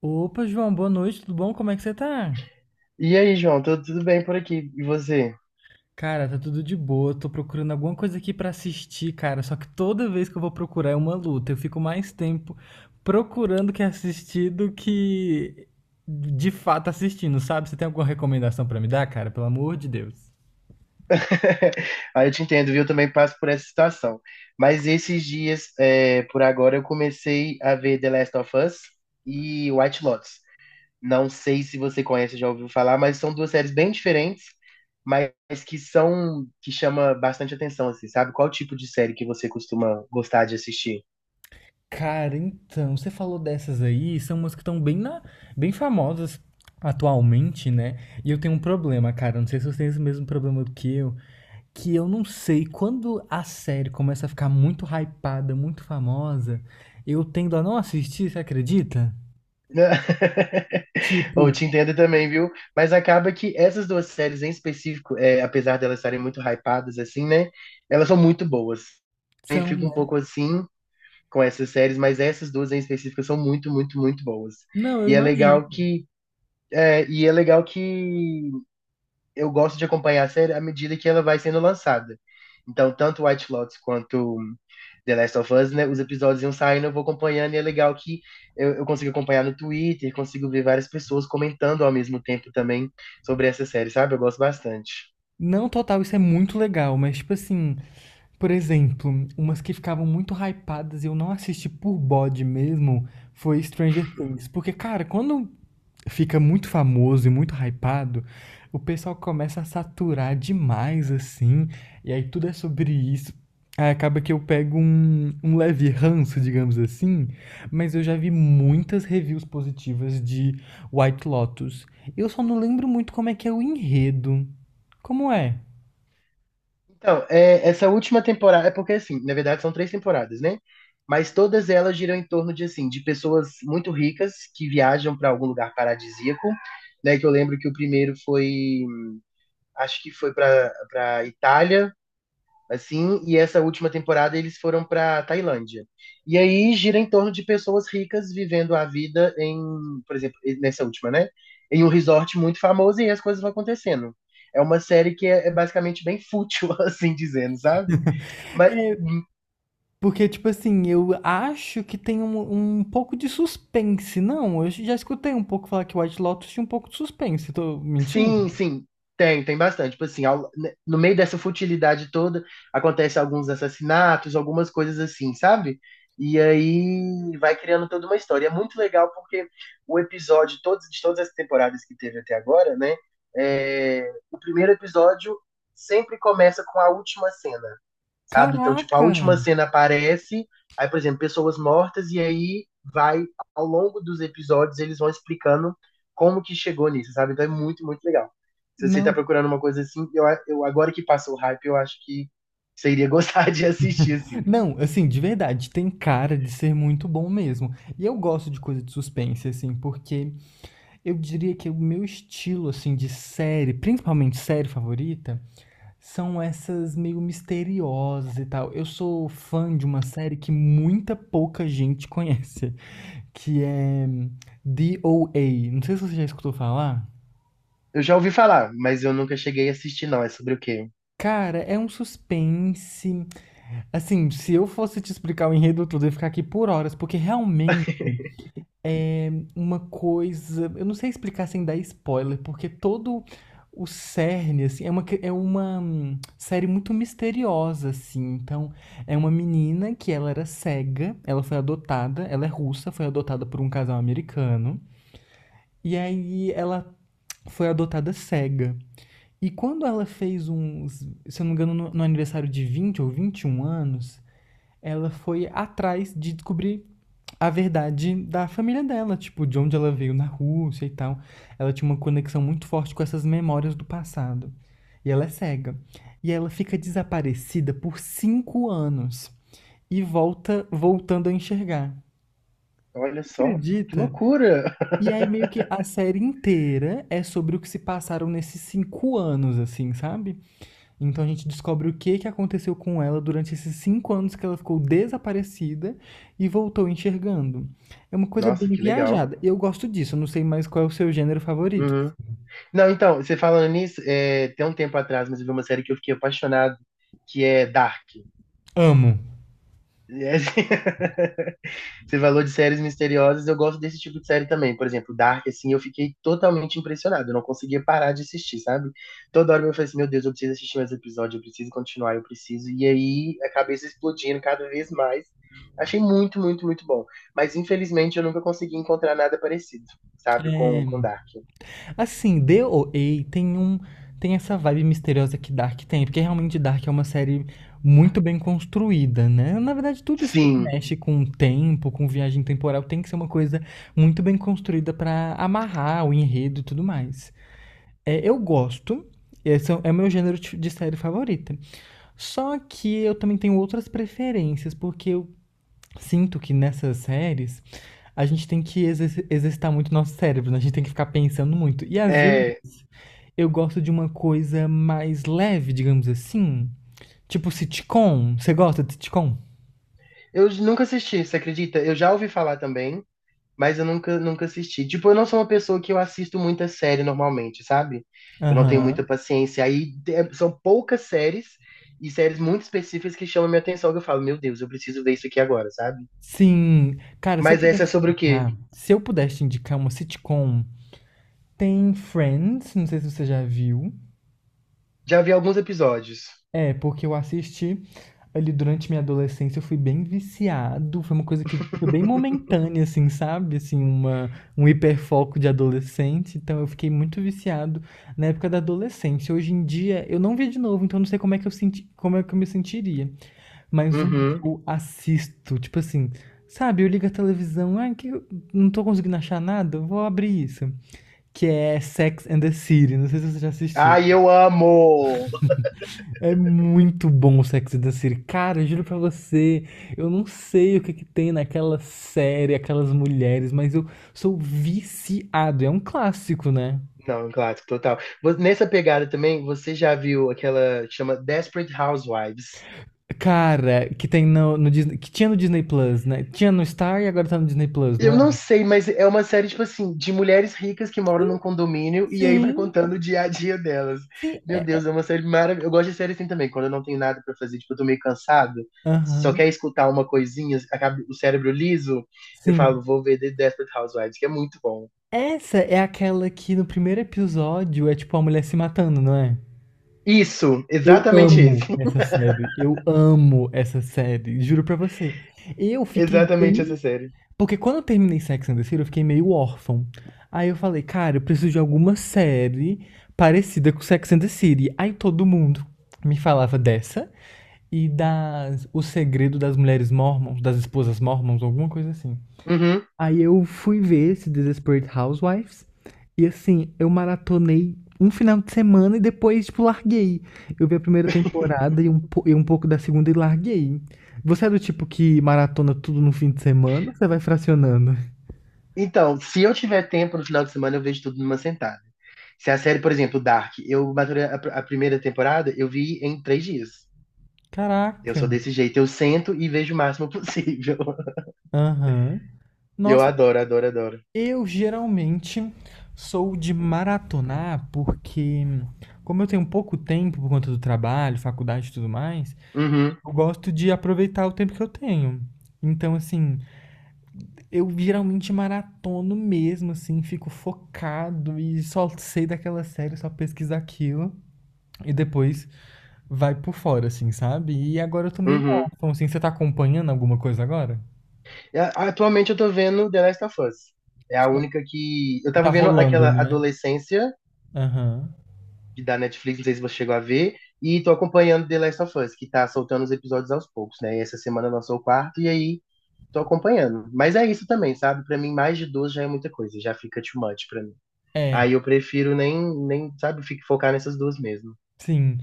Opa, João, boa noite, tudo bom? Como é que você tá? E aí, João, tudo bem por aqui? E você? Cara, tá tudo de boa. Tô procurando alguma coisa aqui pra assistir, cara. Só que toda vez que eu vou procurar é uma luta. Eu fico mais tempo procurando que assistir do que de fato assistindo, sabe? Você tem alguma recomendação pra me dar, cara? Pelo amor de Deus. Aí eu te entendo, viu? Eu também passo por essa situação. Mas esses dias, por agora, eu comecei a ver The Last of Us e White Lotus. Não sei se você conhece, já ouviu falar, mas são duas séries bem diferentes, mas que chama bastante atenção, assim, sabe? Qual tipo de série que você costuma gostar de assistir? Cara, então, você falou dessas aí, são umas que estão bem na, bem famosas atualmente, né? E eu tenho um problema, cara, não sei se você tem esse mesmo problema do que eu não sei, quando a série começa a ficar muito hypada, muito famosa, eu tendo a não assistir, você acredita? Né? Eu Tipo, te entendo também, viu? Mas acaba que essas duas séries em específico, apesar de elas estarem muito hypadas, assim, né? Elas são muito boas. Eu são, fico né? um pouco assim com essas séries, mas essas duas em específico são muito, muito, muito boas. Não, eu E é legal imagino. que, é, e é legal que eu gosto de acompanhar a série à medida que ela vai sendo lançada. Então, tanto White Lotus quanto The Last of Us, né, os episódios iam saindo, eu vou acompanhando, e é legal que eu consigo acompanhar no Twitter, consigo ver várias pessoas comentando ao mesmo tempo também sobre essa série, sabe? Eu gosto bastante. Não, total, isso é muito legal, mas tipo assim, por exemplo, umas que ficavam muito hypadas e eu não assisti por bode mesmo foi Stranger Things. Porque, cara, quando fica muito famoso e muito hypado, o pessoal começa a saturar demais, assim, e aí tudo é sobre isso. Aí acaba que eu pego um leve ranço, digamos assim, mas eu já vi muitas reviews positivas de White Lotus. Eu só não lembro muito como é que é o enredo. Como é? Então, é, essa última temporada, é porque assim, na verdade são três temporadas, né? Mas todas elas giram em torno de assim, de pessoas muito ricas que viajam para algum lugar paradisíaco, né? Que eu lembro que o primeiro foi acho que foi para Itália, assim, e essa última temporada eles foram para Tailândia. E aí gira em torno de pessoas ricas vivendo a vida em, por exemplo, nessa última, né? Em um resort muito famoso e as coisas vão acontecendo. É uma série que é basicamente bem fútil, assim dizendo, sabe? Mas É, porque, tipo assim, eu acho que tem um pouco de suspense. Não, eu já escutei um pouco falar que White Lotus tinha um pouco de suspense. Tô mentindo? sim, sim, tem bastante. Tipo assim, no meio dessa futilidade toda, acontece alguns assassinatos, algumas coisas assim, sabe? E aí vai criando toda uma história. É muito legal porque todos, de todas as temporadas que teve até agora, né? O primeiro episódio sempre começa com a última cena, sabe? Então, tipo, a última Caraca! cena aparece, aí, por exemplo, pessoas mortas, e aí vai, ao longo dos episódios, eles vão explicando como que chegou nisso, sabe? Então é muito, muito legal. Se você tá Não, procurando uma coisa assim, eu agora que passou o hype, eu acho que você iria gostar de assistir, assim. não, assim, de verdade, tem cara de ser muito bom mesmo. E eu gosto de coisa de suspense, assim, porque eu diria que o meu estilo, assim, de série, principalmente série favorita, são essas meio misteriosas e tal. Eu sou fã de uma série que muita pouca gente conhece, que é DOA. Não sei se você já escutou falar. Eu já ouvi falar, mas eu nunca cheguei a assistir, não. É sobre o quê? Cara, é um suspense. Assim, se eu fosse te explicar o enredo todo, eu ia ficar aqui por horas, porque realmente é uma coisa. Eu não sei explicar sem dar spoiler, porque todo o cerne, assim, é uma, é uma série muito misteriosa, assim. Então, é uma menina que ela era cega, ela foi adotada, ela é russa, foi adotada por um casal americano. E aí ela foi adotada cega. E quando ela fez uns, se eu não me engano, no aniversário de 20 ou 21 anos, ela foi atrás de descobrir a verdade da família dela, tipo, de onde ela veio na Rússia e tal. Ela tinha uma conexão muito forte com essas memórias do passado. E ela é cega. E ela fica desaparecida por cinco anos e volta voltando a enxergar. Olha só, que Acredita? loucura! E aí meio que a série inteira é sobre o que se passaram nesses cinco anos, assim, sabe? Então a gente descobre o que, que aconteceu com ela durante esses cinco anos que ela ficou desaparecida e voltou enxergando. É uma coisa Nossa, bem que legal. viajada. Eu gosto disso, eu não sei mais qual é o seu gênero favorito. Uhum. Não, então, você falando nisso, tem um tempo atrás, mas eu vi uma série que eu fiquei apaixonado, que é Dark. Amo. É assim- Você falou de séries misteriosas, eu gosto desse tipo de série também. Por exemplo, Dark, assim, eu fiquei totalmente impressionado. Eu não conseguia parar de assistir, sabe? Toda hora eu falei assim, meu Deus, eu preciso assistir mais episódio, eu preciso continuar, eu preciso. E aí, a cabeça explodindo cada vez mais. Achei muito, muito, muito bom. Mas, infelizmente, eu nunca consegui encontrar nada parecido, sabe? Com, É, com Dark. assim, D O DOA tem um tem essa vibe misteriosa que Dark tem, porque realmente Dark é uma série muito bem construída, né? Na verdade, tudo isso que Sim, mexe com o tempo, com viagem temporal, tem que ser uma coisa muito bem construída pra amarrar o enredo e tudo mais. É, eu gosto. Esse é meu gênero de série favorita. Só que eu também tenho outras preferências, porque eu sinto que nessas séries a gente tem que exercitar muito nosso cérebro, né? A gente tem que ficar pensando muito. E às vezes é... eu gosto de uma coisa mais leve, digamos assim. Tipo sitcom. Você gosta de sitcom? Eu nunca assisti, você acredita? Eu já ouvi falar também, mas eu nunca assisti. Tipo, eu não sou uma pessoa que eu assisto muita série normalmente, sabe? Eu não tenho muita Aham. paciência. Aí é- são poucas séries e séries muito específicas que chamam minha atenção, que eu falo, meu Deus, eu preciso ver isso aqui agora, sabe? Sim. Cara, se eu Mas essa é pudesse te sobre o quê? indicar, se eu pudesse te indicar uma sitcom, tem Friends, não sei se você já viu. Já vi alguns episódios. É, porque eu assisti ali durante minha adolescência, eu fui bem viciado, foi uma coisa que foi bem momentânea, assim, sabe? Assim, um hiperfoco de adolescente, então eu fiquei muito viciado na época da adolescência. Hoje em dia, eu não vi de novo, então eu não sei como é que eu senti, como é que eu me sentiria. Mas um que Uhum. eu assisto, tipo assim, sabe? Eu ligo a televisão, ai, que eu não tô conseguindo achar nada, eu vou abrir isso. Que é Sex and the City, não sei se você já assistiu. Ai, eu amo! É muito bom o Sex and the City. Cara, eu juro pra você, eu não sei o que que tem naquela série, aquelas mulheres, mas eu sou viciado. É um clássico, né? Não, um clássico total. Vo- Nessa pegada também, você já viu aquela que chama Desperate Housewives? Cara, que tem no Disney, que tinha no Disney Plus, né? Tinha no Star e agora tá no Disney Plus, não Eu é? não sei, mas é uma série, tipo assim, de mulheres ricas que moram num condomínio e aí vai Sim, contando o dia a dia delas. sim, Meu Deus, é. é uma série maravilhosa. Eu gosto de série assim também, quando eu não tenho nada pra fazer, tipo, eu tô meio cansado, só Aham, quer escutar uma coisinha, acaba o cérebro liso, eu sim. falo, vou ver The Desperate Housewives, que é muito bom. Essa é aquela que no primeiro episódio é tipo a mulher se matando, não é? Isso, Eu exatamente isso. amo essa série. Eu amo essa série. Juro pra você. Eu fiquei Exatamente essa bem. série. Porque quando eu terminei Sex and the City, eu fiquei meio órfão. Aí eu falei, cara, eu preciso de alguma série parecida com Sex and the City. Aí todo mundo me falava dessa e das O Segredo das Mulheres Mormons, das Esposas Mormons, alguma coisa assim. Uhum. Aí eu fui ver esse Desperate Housewives e assim, eu maratonei um final de semana e depois, tipo, larguei. Eu vi a primeira temporada e um pouco da segunda e larguei. Você é do tipo que maratona tudo no fim de semana ou você vai fracionando? Então, se eu tiver tempo no final de semana, eu vejo tudo numa sentada. Se a série, por exemplo, Dark, eu maturei a primeira temporada, eu vi em três dias. Eu sou Caraca. desse jeito, eu sento e vejo o máximo possível. Aham. Eu Nossa, adoro, adoro, adoro. eu geralmente sou de maratonar porque, como eu tenho pouco tempo por conta do trabalho, faculdade e tudo mais, Uhum, eu gosto de aproveitar o tempo que eu tenho. Então, assim, eu geralmente maratono mesmo, assim, fico focado e só sei daquela série, só pesquiso aquilo e depois vai por fora, assim, sabe? E agora eu tô meio uhum. órfão, assim, você tá acompanhando alguma coisa agora? Atualmente eu tô vendo The Last of Us. É a única que. Eu Que tá tava vendo rolando, aquela né? Adolescência Aham. Da Netflix, não sei se você chegou a ver, e tô acompanhando The Last of Us, que tá soltando os episódios aos poucos, né? E essa semana lançou o quarto, e aí tô acompanhando. Mas é isso também, sabe? Pra mim, mais de duas já é muita coisa, já fica too much pra mim. É, Aí eu prefiro nem, nem, sabe, focar nessas duas mesmo. sim.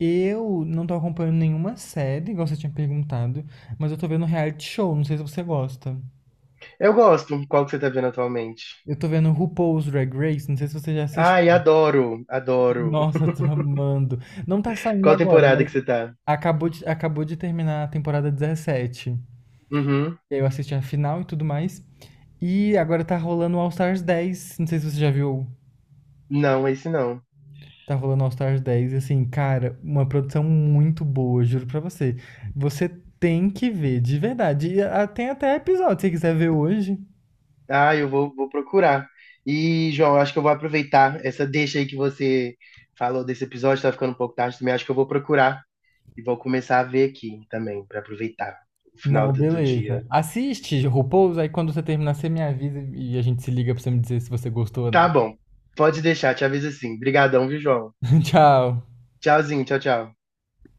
Eu não tô acompanhando nenhuma série, igual você tinha perguntado, mas eu tô vendo reality show, não sei se você gosta. Eu gosto. Qual que você tá vendo atualmente? Eu tô vendo RuPaul's Drag Race, não sei se você já assistiu. Ai, adoro, adoro. Nossa, eu tô amando. Não tá saindo Qual agora, temporada mas que você tá? Acabou de terminar a temporada 17. Uhum. E aí eu assisti a final e tudo mais. E agora tá rolando o All Stars 10, não sei se você já viu. Não, esse não. Tá rolando All Stars 10, assim, cara, uma produção muito boa, juro pra você. Você tem que ver, de verdade. E ah, tem até episódio, se você quiser ver hoje. Ah, vou procurar. E, João, acho que eu vou aproveitar essa deixa aí que você falou desse episódio, tá ficando um pouco tarde também. Acho que eu vou procurar e vou começar a ver aqui também, pra aproveitar o final Não, do beleza. dia. Assiste RuPaul's, aí quando você terminar, você me avisa e a gente se liga pra você me dizer se você gostou ou Tá não. bom, pode deixar, te aviso assim. Obrigadão, viu, João? Tchau. Tchauzinho, tchau, tchau.